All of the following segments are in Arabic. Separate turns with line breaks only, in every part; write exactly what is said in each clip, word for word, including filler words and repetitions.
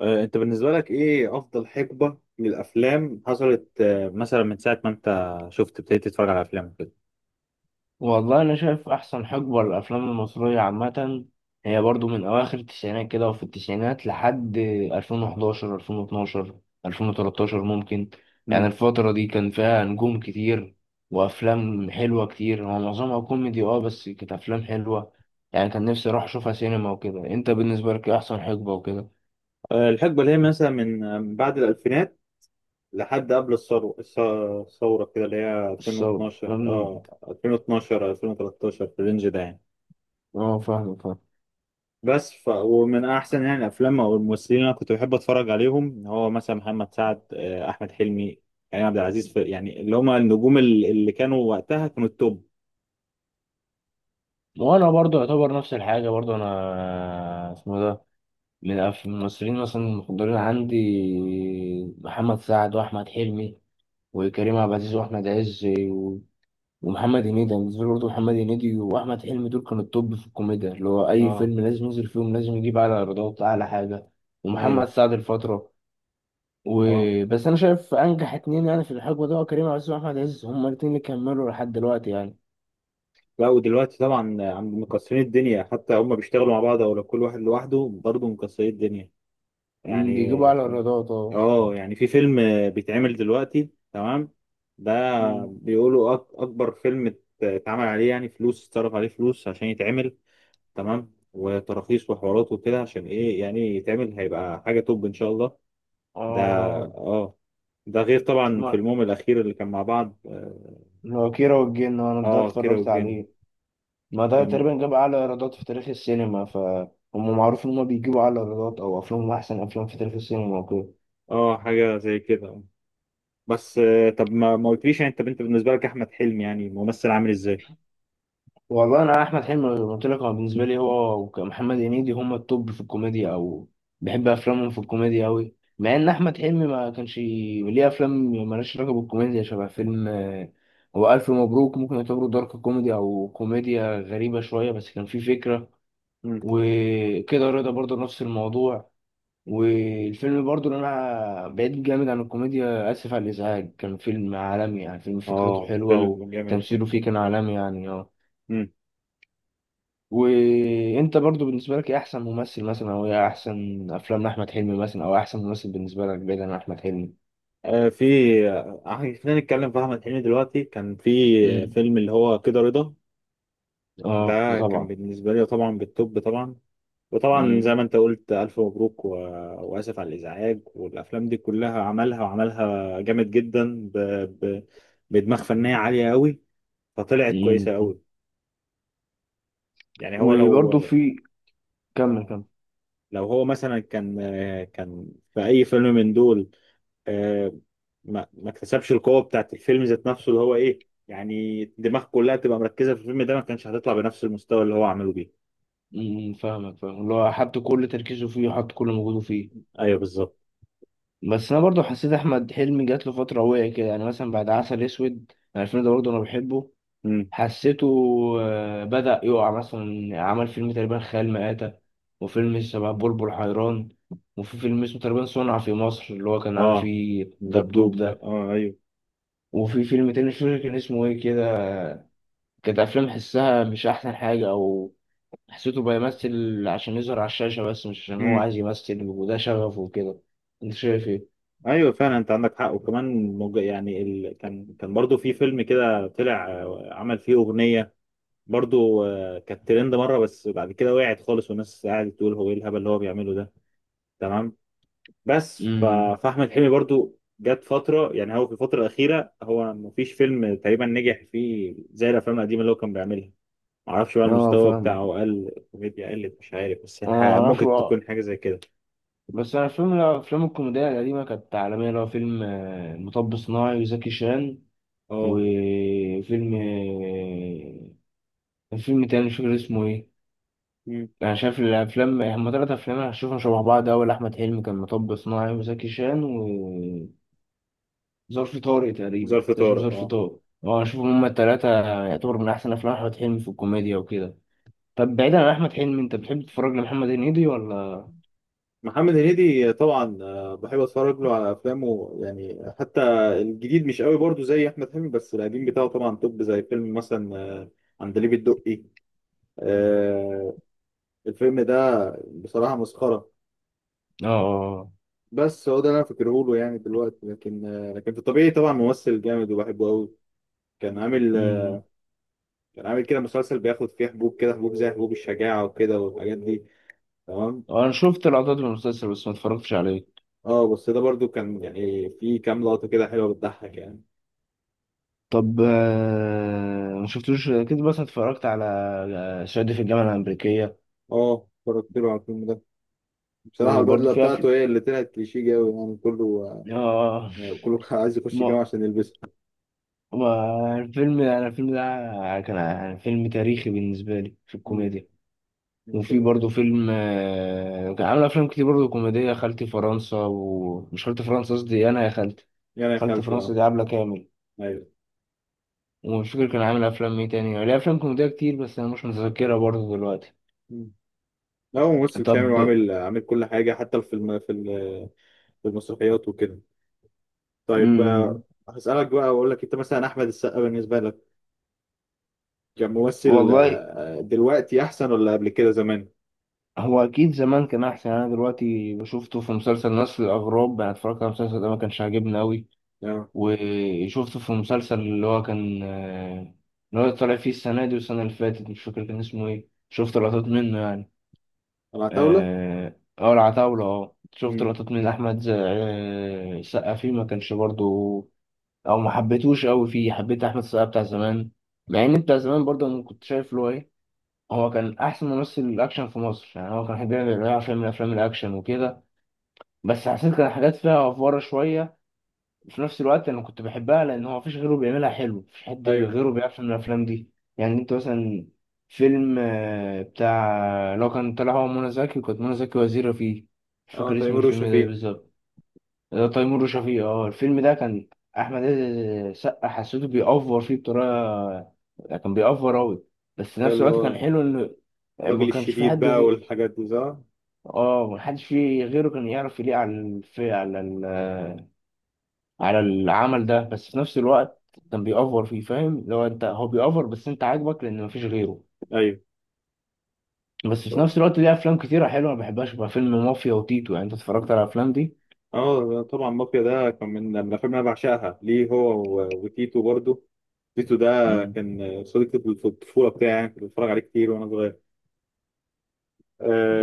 آه، انت بالنسبة لك ايه افضل حقبة للافلام حصلت، آه، مثلا من ساعة ما انت شفت ابتديت تتفرج على افلام كده.
والله أنا شايف أحسن حقبة للأفلام المصرية عامة هي برضو من أواخر التسعينات كده، وفي التسعينات لحد ألفين وحداشر ألفين واتناشر ألفين وتلتاشر ممكن. يعني
امم
الفترة دي كان فيها نجوم كتير، وأفلام حلوة كتير. هو معظمها كوميدي أه، بس كانت أفلام حلوة. يعني كان نفسي أروح أشوفها سينما وكده. أنت بالنسبة لك إيه أحسن حقبة وكده؟
آه، الحقبة اللي هي مثلا من آه، من بعد الالفينات لحد قبل الثورة الث- الثورة كده اللي هي
الصوت.
ألفين واتناشر، اه ألفين واتناشر ألفين وتلتاشر، في الرينج ده يعني.
أه، فاهم فاهم.
بس ف... ومن احسن يعني الافلام او الممثلين اللي انا كنت بحب اتفرج عليهم هو مثلا محمد سعد، آه، احمد حلمي، كريم عبد العزيز في... يعني اللي هم النجوم اللي اللي كانوا وقتها كانوا التوب.
وأنا برضو يعتبر نفس الحاجة. برضو أنا اسمه ده، من أف- من الممثلين مثلا المفضلين عندي: محمد سعد، وأحمد حلمي، وكريم عبد العزيز، وأحمد عز، و- ومحمد هنيدي. أنا بالنسبة لي برضه محمد هنيدي وأحمد حلمي دول كانوا التوب في الكوميديا، اللي هو أي
اه.
فيلم لازم ينزل فيهم لازم يجيب أعلى إيرادات، أعلى حاجة. ومحمد
ايوه.
سعد الفترة.
اه،
وبس أنا شايف أنجح اتنين يعني في الحقبة ده هو كريم عبد العزيز وأحمد عز. هما الاتنين اللي كملوا لحد دلوقتي يعني.
لا، ودلوقتي طبعا عند مكسرين الدنيا، حتى هم بيشتغلوا مع بعض او لو كل واحد لوحده برضه مكسرين الدنيا
مم،
يعني.
بيجيبوا أعلى إيرادات أه.
اه، يعني في فيلم بيتعمل دلوقتي، تمام، ده
مم.
بيقولوا أك- اكبر فيلم ات- اتعمل عليه يعني فلوس، اتصرف عليه فلوس عشان يتعمل، تمام، وتراخيص وحوارات وكده، عشان ايه يعني يتعمل هيبقى حاجة توب ان شاء الله. ده.
آه.
اه. ده غير طبعا
ما-
فيلمهم الاخير اللي كان مع بعض، اه،
اللي هو كيرة والجن أنا ده
آه، كيرة
اتفرجت
والجن.
عليه. ما ده
كان،
تقريبا جاب أعلى إيرادات في تاريخ السينما، فهم معروف إن هما بيجيبوا أعلى إيرادات أو أفلامهم أحسن أفلام في تاريخ السينما وكده.
اه، حاجة زي كده. بس آه، طب، ما ما قلتليش يعني، انت انت بالنسبه لك احمد حلمي يعني ممثل عامل ازاي؟
والله، أنا أحمد حلمي زي ما قلت لك هو بالنسبة لي هو ومحمد هنيدي هما التوب في الكوميديا، أو بحب أفلامهم في الكوميديا أوي، مع إن أحمد حلمي ما كانش ليه أفلام مالهاش علاقة بالكوميديا، شبه فيلم آه، هو ألف مبروك، ممكن يعتبره دارك كوميدي أو كوميديا غريبة شوية، بس كان فيه فكرة.
مم.
وكده رضا برضه نفس الموضوع. والفيلم برضو اللي انا بعيد جامد عن الكوميديا، اسف على الازعاج، كان فيلم عالمي. يعني فيلم فكرته
اه،
حلوه
فيلم جامد.
وتمثيله فيه كان عالمي يعني. اه.
مم.
وانت برضو بالنسبه لك ايه احسن ممثل مثلا، او ايه احسن افلام احمد حلمي مثلا، او احسن ممثل بالنسبه لك بعيد عن احمد حلمي؟
آه، في آه، آه، خلينا نتكلم في احمد حلمي. دلوقتي كان في، آه،
امم.
فيلم اللي هو كده رضا،
اه، ده
ده كان
طبعا.
بالنسبه لي طبعا بالتوب طبعا. وطبعا زي
امم.
ما انت قلت، الف مبروك و... واسف على الازعاج، والافلام دي كلها عملها، وعملها جامد جدا ب... ب... بدماغ فنيه عاليه قوي، فطلعت كويسه
امم.
قوي. يعني هو لو،
وبرضو في. كمل،
اه،
كمل.
لو هو مثلا كان، آه، كان في اي فيلم من دول، آه، ما ما اكتسبش القوه بتاعت الفيلم ذات نفسه اللي هو ايه، يعني الدماغ كلها تبقى مركزه في الفيلم ده، ما كانش هتطلع بنفس المستوى اللي هو عمله بيه.
امم فاهمك، فاهم اللي هو حط كل تركيزه فيه وحط كل مجهوده فيه.
ايوه بالظبط.
بس انا برضو حسيت احمد حلمي جات له فتره وقع كده، يعني مثلا بعد عسل اسود، انا الفيلم ده برضو انا بحبه.
امم.
حسيته آه، بدا يقع. مثلا عمل فيلم تقريبا خيال مآتة، وفيلم شبه بلبل حيران، وفي فيلم اسمه تقريبا صنع في مصر اللي هو كان عامل
اه،
فيه دبدوب
دبدوب،
ده.
اه ايوه.
وفي فيلم تاني مش فاكر كان اسمه ايه كده. كانت افلام حسها مش احسن حاجه، او حسيته بيمثل عشان يظهر على الشاشه بس مش عشان هو
امم.
عايز يمثل وده شغفه وكده. انت شايف ايه؟
ايوه فعلا انت عندك حق، وكمان مج... يعني ال... كان كان برضو في فيلم كده طلع، آه، عمل فيه اغنيه برضو، آه، كانت ترند مره، بس بعد كده وقعت خالص، والناس قاعده تقول هو ايه الهبل اللي هو بيعمله ده. تمام. بس ف...
امم
فاحمد حلمي برضو جت فتره، يعني هو في الفتره الاخيره هو مفيش فيلم تقريبا نجح فيه زي الافلام القديمه اللي هو كان بيعملها. معرفش بقى،
اه،
المستوى
فاهم.
بتاعه قل، الكوميديا قلت، مش عارف، بس يعني،
انا
ح-
معرفش
ممكن
بقى.
تكون حاجه زي كده.
بس انا فيلم من الافلام الكوميديا القديمه كانت عالميه، اللي هو فيلم آه، مطب صناعي وزكي شان،
اه.
وفيلم آه، فيلم تاني مش فاكر اسمه ايه.
مم.
انا شايف الافلام هما تلات افلام انا هشوفهم شبه بعض. اول احمد حلمي كان مطب صناعي وزكي شان، وظرف طارق، تقريبا
ظرف
كان اسمه
طارق،
ظرف
اه.
طارق، اه اشوفهم هما التلاتة. يعتبر من احسن افلام احمد حلمي في الكوميديا وكده. طب بعيدا عن احمد حلمي، انت بتحب تتفرج لمحمد هنيدي ولا؟
محمد هنيدي طبعا، آه، بحب اتفرج له على افلامه يعني. حتى الجديد مش قوي برضو زي احمد حلمي، بس القديم بتاعه طبعا توب، زي فيلم مثلا، آه، عندليب الدقي، آه، الفيلم ده بصراحه مسخره.
اه، اه، آه.
بس هو ده اللي انا فاكره له يعني دلوقتي، لكن، آه، لكن في الطبيعي طبعا ممثل جامد وبحبه قوي. كان عامل، آه،
مم.
كان عامل كده مسلسل بياخد فيه حبوب كده، حبوب زي حبوب الشجاعة وكده والحاجات دي، تمام.
انا شفت لقطات من المسلسل، بس ما اتفرجتش عليه.
اه، بس ده برضو كان يعني في كام لقطة كده حلوة بتضحك يعني.
طب آه، ما شفتوش كده، بس اتفرجت على آه، شادي في الجامعة الأمريكية.
اه، اتفرجت له على الفيلم ده. بصراحة
وبرضه
البدلة
فيها
بتاعته
في.
هي اللي طلعت كليشيه قوي، يعني كله،
اه
آه، كله كان عايز يخش الجامعة
ما
عشان يلبسها.
ما الفيلم، انا الفيلم ده كان فيلم تاريخي بالنسبة لي في
مم.
الكوميديا. وفي برضه فيلم آه، كان عامل أفلام كتير برضه كوميدية. خالتي فرنسا، ومش خالتي فرنسا، قصدي أنا يا خالتي.
يعني يا
خالتي
خالتي،
فرنسا
اه.
دي عبلة كامل.
ايوه.
ومش فاكر كان عامل أفلام إيه تاني، ليه أفلام كوميدية كتير بس أنا مش متذكرها برضه دلوقتي.
مم. لا، هو ممثل شامل
طب،
وعامل، عامل كل حاجة، حتى في الم... في ال- في المسرحيات وكده. طيب، آه،
امم
هسألك بقى وأقول لك، أنت مثلا أحمد السقا بالنسبة لك كان ممثل،
والله
آه، دلوقتي أحسن ولا قبل كده زمان؟
هو اكيد زمان كان احسن. انا دلوقتي شفته في مسلسل نسل الاغراب، انا اتفرجت على المسلسل ده ما كانش عاجبني قوي.
أه.
وشفته في مسلسل اللي هو كان آه، اللي هو طالع فيه السنه دي والسنه اللي فاتت، مش فاكر كان اسمه ايه، شفت لقطات منه يعني.
العتاولة؟
اه، آه، العتاوله. اه، شفت
امم.
لقطات من احمد ز- آه، السقا فيه، ما كانش برضو. او ما حبيتهوش قوي فيه. حبيت احمد السقا بتاع زمان. مع ان بتاع زمان برضه انا كنت شايف له ايه، هو كان احسن ممثل اكشن في مصر، يعني هو كان بيعمل بيعمل فيلم من افلام الاكشن وكده. بس حسيت كان حاجات فيها افواره شويه، في نفس الوقت انا كنت بحبها، لان هو مفيش غيره بيعملها حلو، مفيش حد
أيوه.
غيره بيعرف يعمل الافلام دي. يعني انت مثلا فيلم آه، بتاع لو كان طلع هو منى زكي، وكانت منى زكي وزيره فيه. مش
أه،
فاكر اسم
تيمور
الفيلم ده إيه
وشفيق.
بالظبط. تيمور وشفيقة، اه. الفيلم ده كان احمد عز سقا حسيته بيأفور فيه بطريقه، كان بيأفور اوي. بس في
أيوه،
نفس
اللي
الوقت كان
هو
حلو انه ما
الراجل
كانش في
الشديد
حد
بقى
غير.
والحاجات دي، صح؟
اه، ما حدش فيه غيره كان يعرف يليق على الف... على ال... على العمل ده، بس في نفس الوقت كان بيأفور فيه. فاهم لو انت هو بيأفور، بس انت عاجبك لان مفيش غيره.
أيوه.
بس في
طب-
نفس الوقت ليه افلام كتيره حلوه، ما بحبهاش بقى فيلم مافيا وتيتو، يعني انت اتفرجت على الافلام دي؟
أه، طبعا مافيا ده كان من من الأفلام اللي أنا بعشقها ليه هو، و- وتيتو برضه. تيتو ده
مم.
كان صديقي في الطفولة بتاعي يعني، كنت بتفرج عليه كتير وأنا صغير.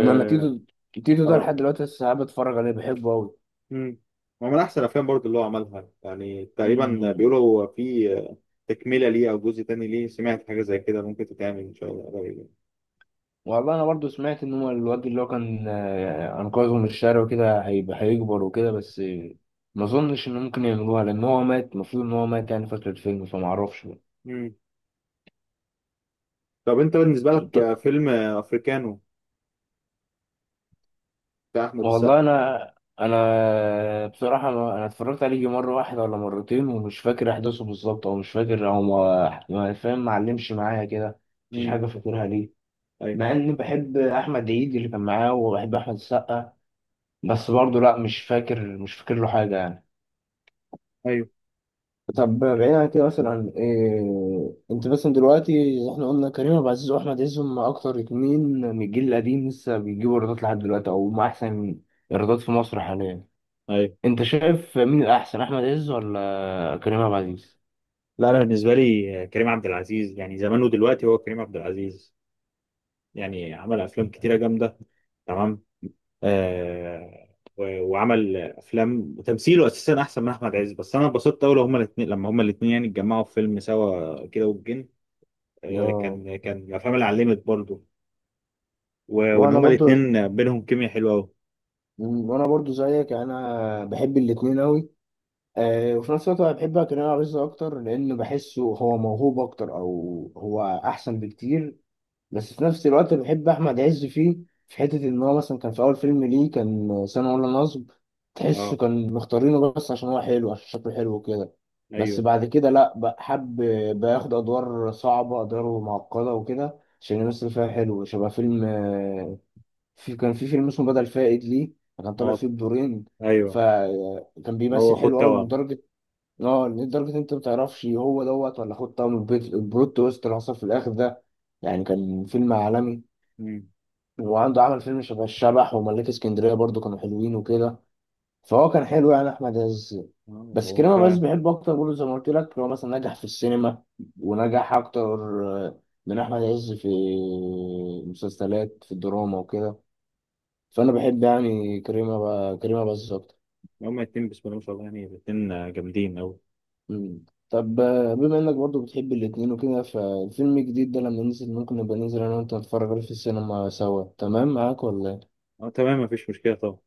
انما تيتو. تيتو ده
آه.
لحد دلوقتي لسه قاعد بتفرج عليه، بحبه قوي.
مم. هو من احسن الافلام برضه اللي هو عملها يعني. تقريبا
مم.
بيقولوا هو في تكمله ليه او جزء تاني ليه، سمعت حاجه زي كده، ممكن تتعمل ان شاء الله قريب يعني.
والله انا برضو سمعت ان هو الواد اللي هو كان آه، انقذه من الشارع وكده هيبقى هيكبر وكده، بس آه، ما اظنش ان ممكن يعملوها لان هو مات. المفروض ان هو مات يعني فترة الفيلم، فما اعرفش بقى.
مم. طب انت بالنسبه
انت-
لك فيلم افريكانو بتاع احمد السقا؟
والله انا انا بصراحة ما- انا اتفرجت عليه يجي مرة واحدة ولا مرتين، ومش فاكر احداثه بالظبط، او مش فاكر، او ما ما فاهم، معلمش معايا كده. مفيش
امم.
حاجة فاكرها ليه.
ايوه.
مع اني بحب احمد عيد اللي كان معاه وبحب احمد السقا، بس برضه لا، مش فاكر مش فاكر له حاجة يعني.
ايوه.
طب بعيد عن كده، مثلا إيه، انت مثلا دلوقتي زي احنا قلنا كريم عبد العزيز واحمد عز هم اكتر اتنين من الجيل القديم لسه بيجيبوا ايرادات لحد دلوقتي، او هم احسن ايرادات في مصر حاليا.
ايوه.
انت شايف مين الاحسن، احمد عز ولا كريم عبد العزيز؟
لا، انا بالنسبه لي كريم عبد العزيز. يعني زمان ودلوقتي هو كريم عبد العزيز. يعني عمل افلام كتيره جامده، تمام، آه، و- وعمل افلام، وتمثيله اساسا احسن من احمد عز. بس انا اتبسطت قوي لو هما الاثنين، لما هما الاثنين يعني اتجمعوا في فيلم سوا، كده والجن، آه،
اه.
كان كان من الافلام اللي علمت برضه. و- وان
وانا
هما
برضو
الاثنين بينهم كيمياء حلوه قوي.
وانا برضو زيك، انا بحب الاتنين قوي. أه. وفي نفس الوقت انا بحب كريم عبد العزيز اكتر، لان بحسه هو موهوب اكتر او هو احسن بكتير. بس في نفس الوقت بحب احمد عز، فيه في حته ان هو مثلا كان في اول فيلم ليه كان سنه ولا نصب تحسه
اه.
كان مختارينه بس عشان هو حلو، عشان شكله حلو وكده. بس
ايوه.
بعد كده لا، بقى حب بياخد ادوار صعبه، ادوار معقده وكده عشان يمثل فيها حلو، شبه فيلم. في كان في فيلم اسمه بدل فائد ليه، كان طالع
اه
فيه بدورين.
ايوه،
فكان
هو
بيمثل
اخو
حلو قوي
توام.
لدرجه. اه، لدرجة إن انت ما تعرفش هو دوت ولا خد طعم البيت، البلوت تويست اللي حصل في الاخر ده، يعني كان فيلم عالمي.
امم.
وعنده عمل فيلم شبه الشبح وملاك اسكندرية برضو، كانوا حلوين وكده. فهو كان حلو يعني احمد عز.
اه
بس
هو
كريم
ف.
عبد العزيز بحبه اكتر برضه، زي ما قلت لك هو مثلا نجح في السينما، ونجح اكتر آه، من احمد عز في المسلسلات، في الدراما وكده. فانا بحب يعني كريم عب- كريم عبد العزيز اكتر.
هما الاثنين بسم الله ما شاء الله، يعني الاثنين جامدين قوي.
مم. طب آه، بما انك برضو بتحب الاتنين وكده، فالفيلم الجديد ده لما ننزل ممكن نبقى ننزل انا وانت نتفرج عليه في السينما سوا، تمام معاك ولا؟
اه تمام، مفيش مشكله طبعا.